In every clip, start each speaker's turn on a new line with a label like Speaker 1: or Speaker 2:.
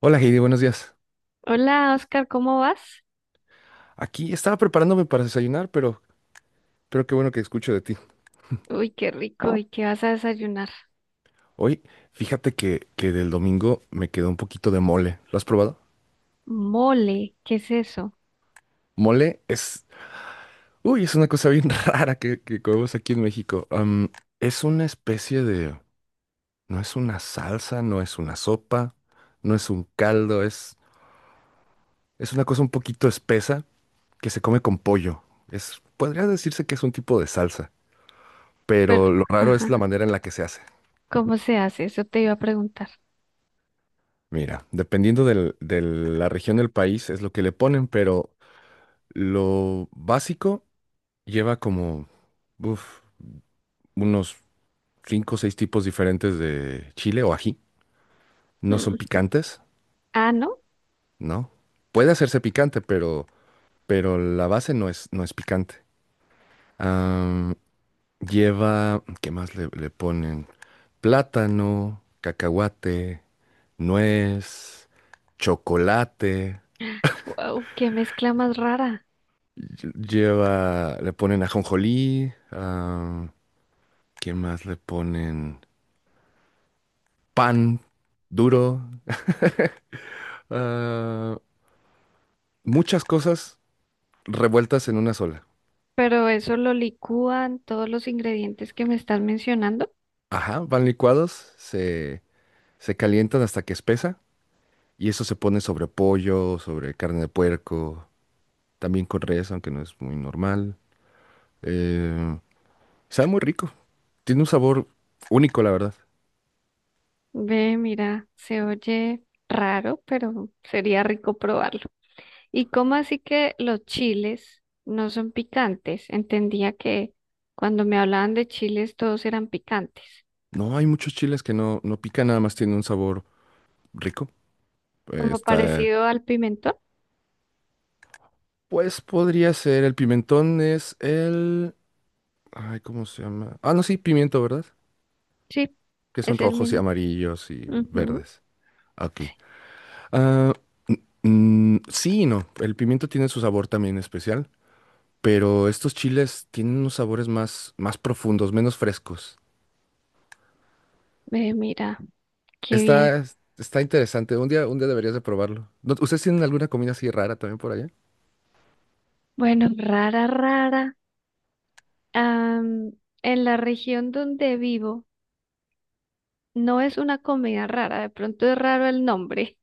Speaker 1: Hola Heidi, buenos días.
Speaker 2: Hola, Oscar, ¿cómo vas?
Speaker 1: Aquí estaba preparándome para desayunar, pero qué bueno que escucho de ti.
Speaker 2: Uy, qué rico. ¿Y qué vas a desayunar?
Speaker 1: Hoy, fíjate que del domingo me quedó un poquito de mole. ¿Lo has probado?
Speaker 2: Mole, ¿qué es eso?
Speaker 1: Mole es una cosa bien rara que comemos aquí en México. Es una especie de, no es una salsa, no es una sopa, no es un caldo, es una cosa un poquito espesa que se come con pollo. Es, podría decirse que es un tipo de salsa, pero
Speaker 2: Pero,
Speaker 1: lo raro es la
Speaker 2: ajá,
Speaker 1: manera en la que se hace.
Speaker 2: ¿cómo se hace? Eso te iba a preguntar.
Speaker 1: Mira, de la región del país es lo que le ponen, pero lo básico lleva como uf, unos cinco o seis tipos diferentes de chile o ají. No son
Speaker 2: Mm.
Speaker 1: picantes,
Speaker 2: Ah, ¿no?
Speaker 1: ¿no? Puede hacerse picante, pero la base no es picante. Am, Lleva, ¿qué más le ponen? Plátano, cacahuate, nuez, chocolate.
Speaker 2: Wow, qué mezcla más rara.
Speaker 1: Lleva, le ponen ajonjolí, ah, ¿quién más le ponen? Pan duro, ah, muchas cosas revueltas en una sola.
Speaker 2: Pero eso lo licúan todos los ingredientes que me estás mencionando.
Speaker 1: Ajá, van licuados, se calientan hasta que espesa y eso se pone sobre pollo, sobre carne de puerco, también con res, aunque no es muy normal. Eh, Sabe muy rico, tiene un sabor único, la verdad.
Speaker 2: Ve, mira, se oye raro, pero sería rico probarlo. ¿Y cómo así que los chiles no son picantes? Entendía que cuando me hablaban de chiles todos eran picantes.
Speaker 1: No hay muchos chiles que no pican, nada más tiene un sabor rico.
Speaker 2: Como
Speaker 1: Está
Speaker 2: parecido al pimentón.
Speaker 1: Pues podría ser, el pimentón es el... Ay, ¿cómo se llama? Ah, no, sí, pimiento, ¿verdad?
Speaker 2: Sí,
Speaker 1: Que son
Speaker 2: es el
Speaker 1: rojos y
Speaker 2: mismo.
Speaker 1: amarillos y
Speaker 2: Ujú.
Speaker 1: verdes. Aquí. Ah, sí y no, el pimiento tiene su sabor también especial, pero estos chiles tienen unos sabores más profundos, menos frescos.
Speaker 2: Ve, mira, qué bien.
Speaker 1: Está, está interesante, un día deberías de probarlo. ¿Ustedes tienen alguna comida así rara también por allá?
Speaker 2: Bueno, rara, rara. Am, en la región donde vivo, no es una comida rara. De pronto es raro el nombre,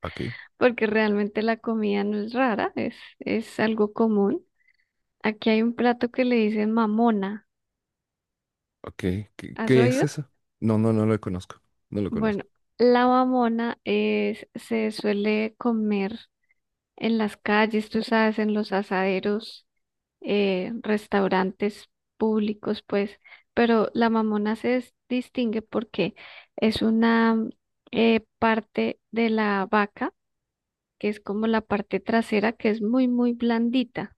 Speaker 1: Aquí,
Speaker 2: porque realmente la comida no es rara, es algo común. Aquí hay un plato que le dicen mamona.
Speaker 1: ok.
Speaker 2: ¿Has
Speaker 1: ¿Qué es
Speaker 2: oído?
Speaker 1: eso? No, no lo conozco. No lo
Speaker 2: Bueno,
Speaker 1: conozco.
Speaker 2: la mamona es, se suele comer en las calles, tú sabes, en los asaderos restaurantes públicos, pues, pero la Mamona distingue porque es una parte de la vaca, que es como la parte trasera, que es muy, muy blandita.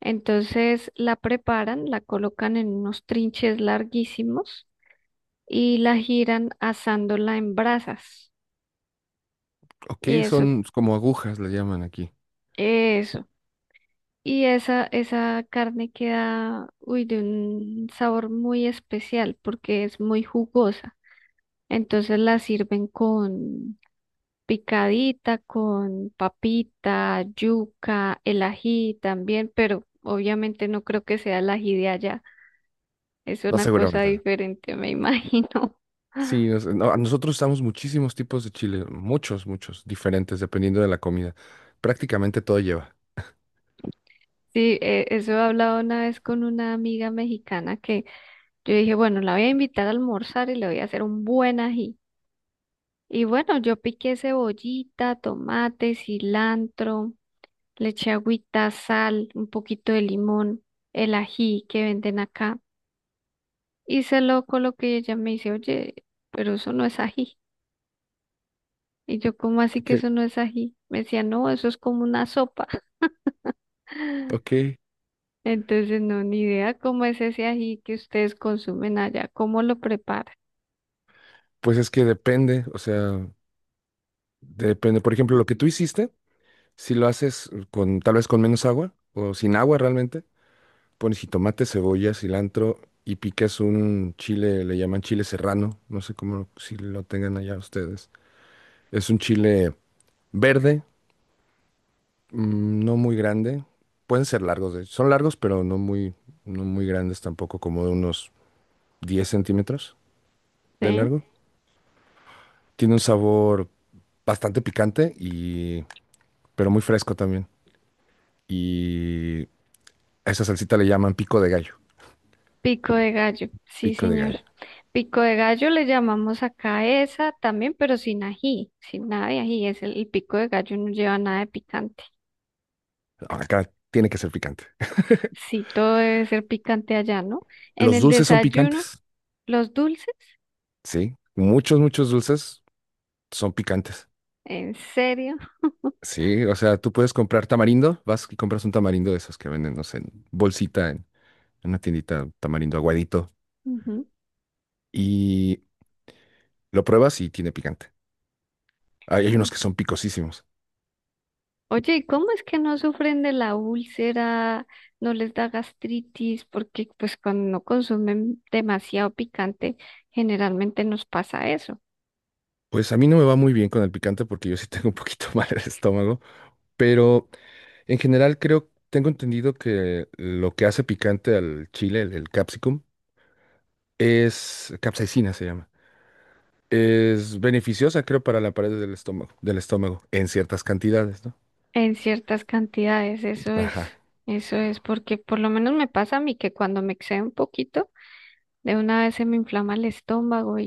Speaker 2: Entonces la preparan, la colocan en unos trinches larguísimos y la giran asándola en brasas.
Speaker 1: Ok,
Speaker 2: Y eso,
Speaker 1: son como agujas, le llaman aquí.
Speaker 2: eso. Y esa carne queda, uy, de un sabor muy especial porque es muy jugosa. Entonces la sirven con picadita, con papita, yuca, el ají también, pero obviamente no creo que sea el ají de allá. Es
Speaker 1: No,
Speaker 2: una cosa
Speaker 1: seguramente no.
Speaker 2: diferente, me imagino.
Speaker 1: No, nosotros usamos muchísimos tipos de chile, muchos, muchos, diferentes, dependiendo de la comida. Prácticamente todo lleva.
Speaker 2: Sí, eso he hablado una vez con una amiga mexicana que yo dije, bueno, la voy a invitar a almorzar y le voy a hacer un buen ají. Y bueno, yo piqué cebollita, tomate, cilantro, le eché agüita, sal, un poquito de limón, el ají que venden acá. Y se lo coloqué y ella me dice, oye, pero eso no es ají. Y yo, ¿cómo así que
Speaker 1: Ok,
Speaker 2: eso no es ají? Me decía, no, eso es como una sopa.
Speaker 1: ok,
Speaker 2: Entonces, no, ni idea cómo es ese ají que ustedes consumen allá, cómo lo preparan,
Speaker 1: pues es que depende, o sea, depende. Por ejemplo, lo que tú hiciste, si lo haces con, tal vez con menos agua o sin agua realmente, pones jitomate, cebolla, cilantro y picas un chile, le llaman chile serrano, no sé cómo, si lo tengan allá ustedes. Es un chile verde no muy grande. Pueden ser largos, de hecho. Son largos, pero no muy grandes tampoco, como de unos 10 centímetros de
Speaker 2: ¿sí?
Speaker 1: largo. Tiene un sabor bastante picante, pero muy fresco también. Y a esa salsita le llaman pico de gallo.
Speaker 2: Pico de gallo, sí,
Speaker 1: Pico de gallo.
Speaker 2: señor. Pico de gallo le llamamos acá esa también, pero sin ají, sin nada de ají. Es el pico de gallo no lleva nada de picante.
Speaker 1: Acá tiene que ser picante.
Speaker 2: Sí, todo debe ser picante allá, ¿no? En
Speaker 1: Los
Speaker 2: el
Speaker 1: dulces son
Speaker 2: desayuno,
Speaker 1: picantes,
Speaker 2: los dulces,
Speaker 1: sí. Muchos, muchos dulces son picantes.
Speaker 2: en serio.
Speaker 1: Sí, o sea, tú puedes comprar tamarindo, vas y compras un tamarindo de esos que venden, no sé, en bolsita en una tiendita tamarindo aguadito y lo pruebas y tiene picante. Hay
Speaker 2: Ujú.
Speaker 1: unos que son picosísimos.
Speaker 2: Oye, ¿y cómo es que no sufren de la úlcera, no les da gastritis? Porque pues cuando no consumen demasiado picante, generalmente nos pasa eso.
Speaker 1: Pues a mí no me va muy bien con el picante porque yo sí tengo un poquito mal el estómago, pero en general creo, tengo entendido que lo que hace picante al chile, el capsicum, es capsaicina se llama. Es beneficiosa, creo, para la pared del estómago, en ciertas cantidades, ¿no?
Speaker 2: En ciertas cantidades,
Speaker 1: Ajá.
Speaker 2: eso es, porque por lo menos me pasa a mí que cuando me excedo un poquito, de una vez se me inflama el estómago.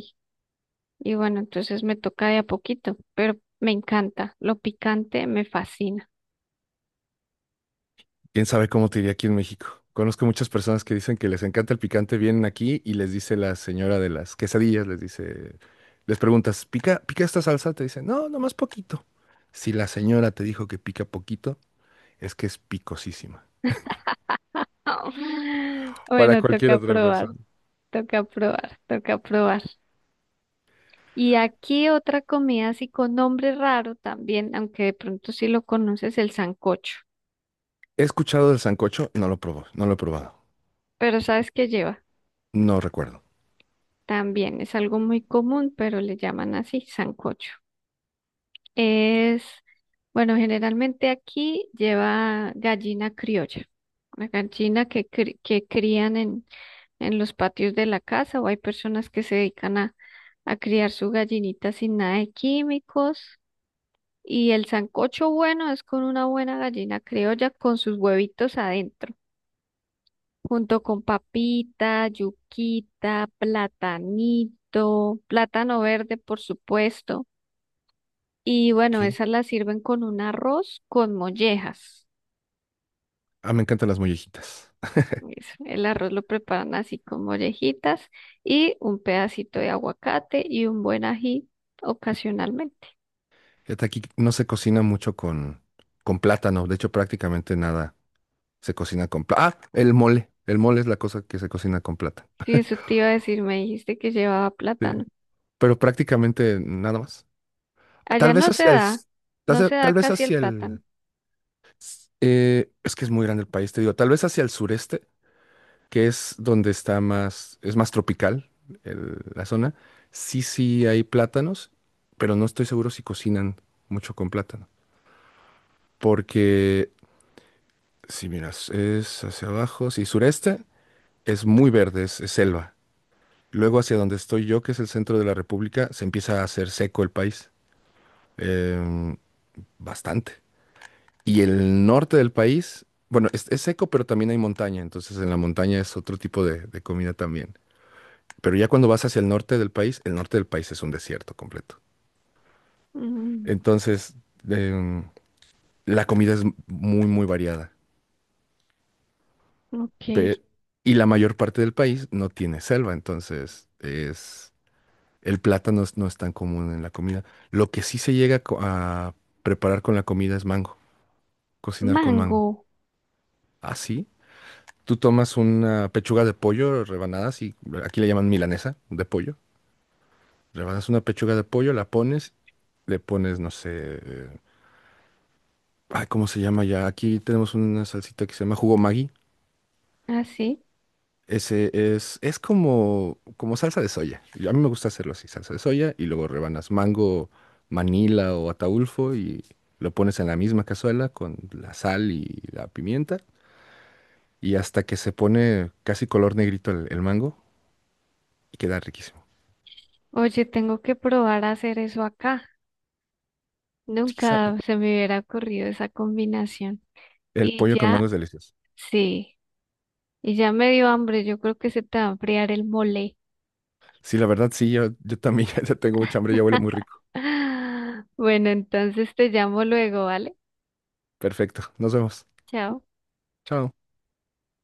Speaker 2: Y bueno, entonces me toca de a poquito, pero me encanta. Lo picante me fascina.
Speaker 1: Quién sabe cómo te iría aquí en México. Conozco muchas personas que dicen que les encanta el picante, vienen aquí y les dice la señora de las quesadillas, les dice, les preguntas, ¿pica, pica esta salsa? Te dicen, no, nomás poquito. Si la señora te dijo que pica poquito, es que es picosísima. Para
Speaker 2: Bueno,
Speaker 1: cualquier
Speaker 2: toca
Speaker 1: otra
Speaker 2: probar,
Speaker 1: persona.
Speaker 2: toca probar, toca probar. Y aquí otra comida así con nombre raro también, aunque de pronto sí lo conoces, el sancocho.
Speaker 1: He escuchado del sancocho, no lo no lo he probado,
Speaker 2: Pero ¿sabes qué lleva?
Speaker 1: no recuerdo.
Speaker 2: También es algo muy común, pero le llaman así, sancocho. Es, bueno, generalmente aquí lleva gallina criolla, una gallina que crían en los patios de la casa o hay personas que se dedican a criar su gallinita sin nada de químicos. Y el sancocho bueno es con una buena gallina criolla con sus huevitos adentro, junto con papita, yuquita, platanito, plátano verde, por supuesto. Y bueno,
Speaker 1: ¿Qué?
Speaker 2: esas las sirven con un arroz con mollejas.
Speaker 1: Ah, me encantan las mollejitas.
Speaker 2: El arroz lo preparan así con mollejitas y un pedacito de aguacate y un buen ají ocasionalmente.
Speaker 1: Fíjate, aquí no se cocina mucho con plátano, de hecho prácticamente nada. Se cocina con plata. Ah, el mole. El mole es la cosa que se cocina con plata.
Speaker 2: Sí, eso te iba a decir, me dijiste que llevaba
Speaker 1: Sí.
Speaker 2: plátano.
Speaker 1: Pero prácticamente nada más.
Speaker 2: Allá
Speaker 1: Tal vez
Speaker 2: no se
Speaker 1: hacia el...
Speaker 2: da,
Speaker 1: s- Tal
Speaker 2: no
Speaker 1: vez
Speaker 2: se da
Speaker 1: tal vez
Speaker 2: casi el
Speaker 1: hacia
Speaker 2: plátano.
Speaker 1: el... es que es muy grande el país, te digo. Tal vez hacia el sureste, que es donde está más... Es más tropical la zona. Sí, sí hay plátanos, pero no estoy seguro si cocinan mucho con plátano. Porque si miras, es hacia abajo. Sí, sureste es muy verde, es selva. Luego hacia donde estoy yo, que es el centro de la República, se empieza a hacer seco el país. em, Bastante. Y el norte del país, bueno, es seco, pero también hay montaña. Entonces en la montaña es otro tipo de comida también. Pero ya cuando vas hacia el norte del país, el norte del país es un desierto completo.
Speaker 2: Mm,
Speaker 1: Entonces, em, la comida es muy, muy variada.
Speaker 2: ok.
Speaker 1: Pe- y la mayor parte del país no tiene selva, entonces es el plátano no es tan común en la comida. Lo que sí se llega a preparar con la comida es mango, cocinar con
Speaker 2: Mango,
Speaker 1: mango. Así, tú tomas una pechuga de pollo, rebanadas, y aquí le llaman milanesa de pollo. Rebanas una pechuga de pollo, la pones, le pones, no sé, eh, ay, ¿cómo se llama ya? Aquí tenemos una salsita que se llama jugo Maggi.
Speaker 2: así.
Speaker 1: Ese es como, como salsa de soya. A mí me gusta hacerlo así, salsa de soya y luego rebanas mango, manila o ataulfo y lo pones en la misma cazuela con la sal y la pimienta y hasta que se pone casi color negrito el mango y queda riquísimo.
Speaker 2: Oye, tengo que probar a hacer eso acá.
Speaker 1: Sí, sa-
Speaker 2: Nunca se me hubiera ocurrido esa combinación.
Speaker 1: El
Speaker 2: Y
Speaker 1: pollo con mango
Speaker 2: ya,
Speaker 1: es delicioso.
Speaker 2: sí. Y ya me dio hambre, yo creo que se te va a enfriar el mole.
Speaker 1: Sí, la verdad, sí, yo también ya tengo mucha hambre, ya huele muy rico.
Speaker 2: Bueno, entonces te llamo luego, ¿vale?
Speaker 1: Perfecto, nos vemos.
Speaker 2: Chao.
Speaker 1: Chao.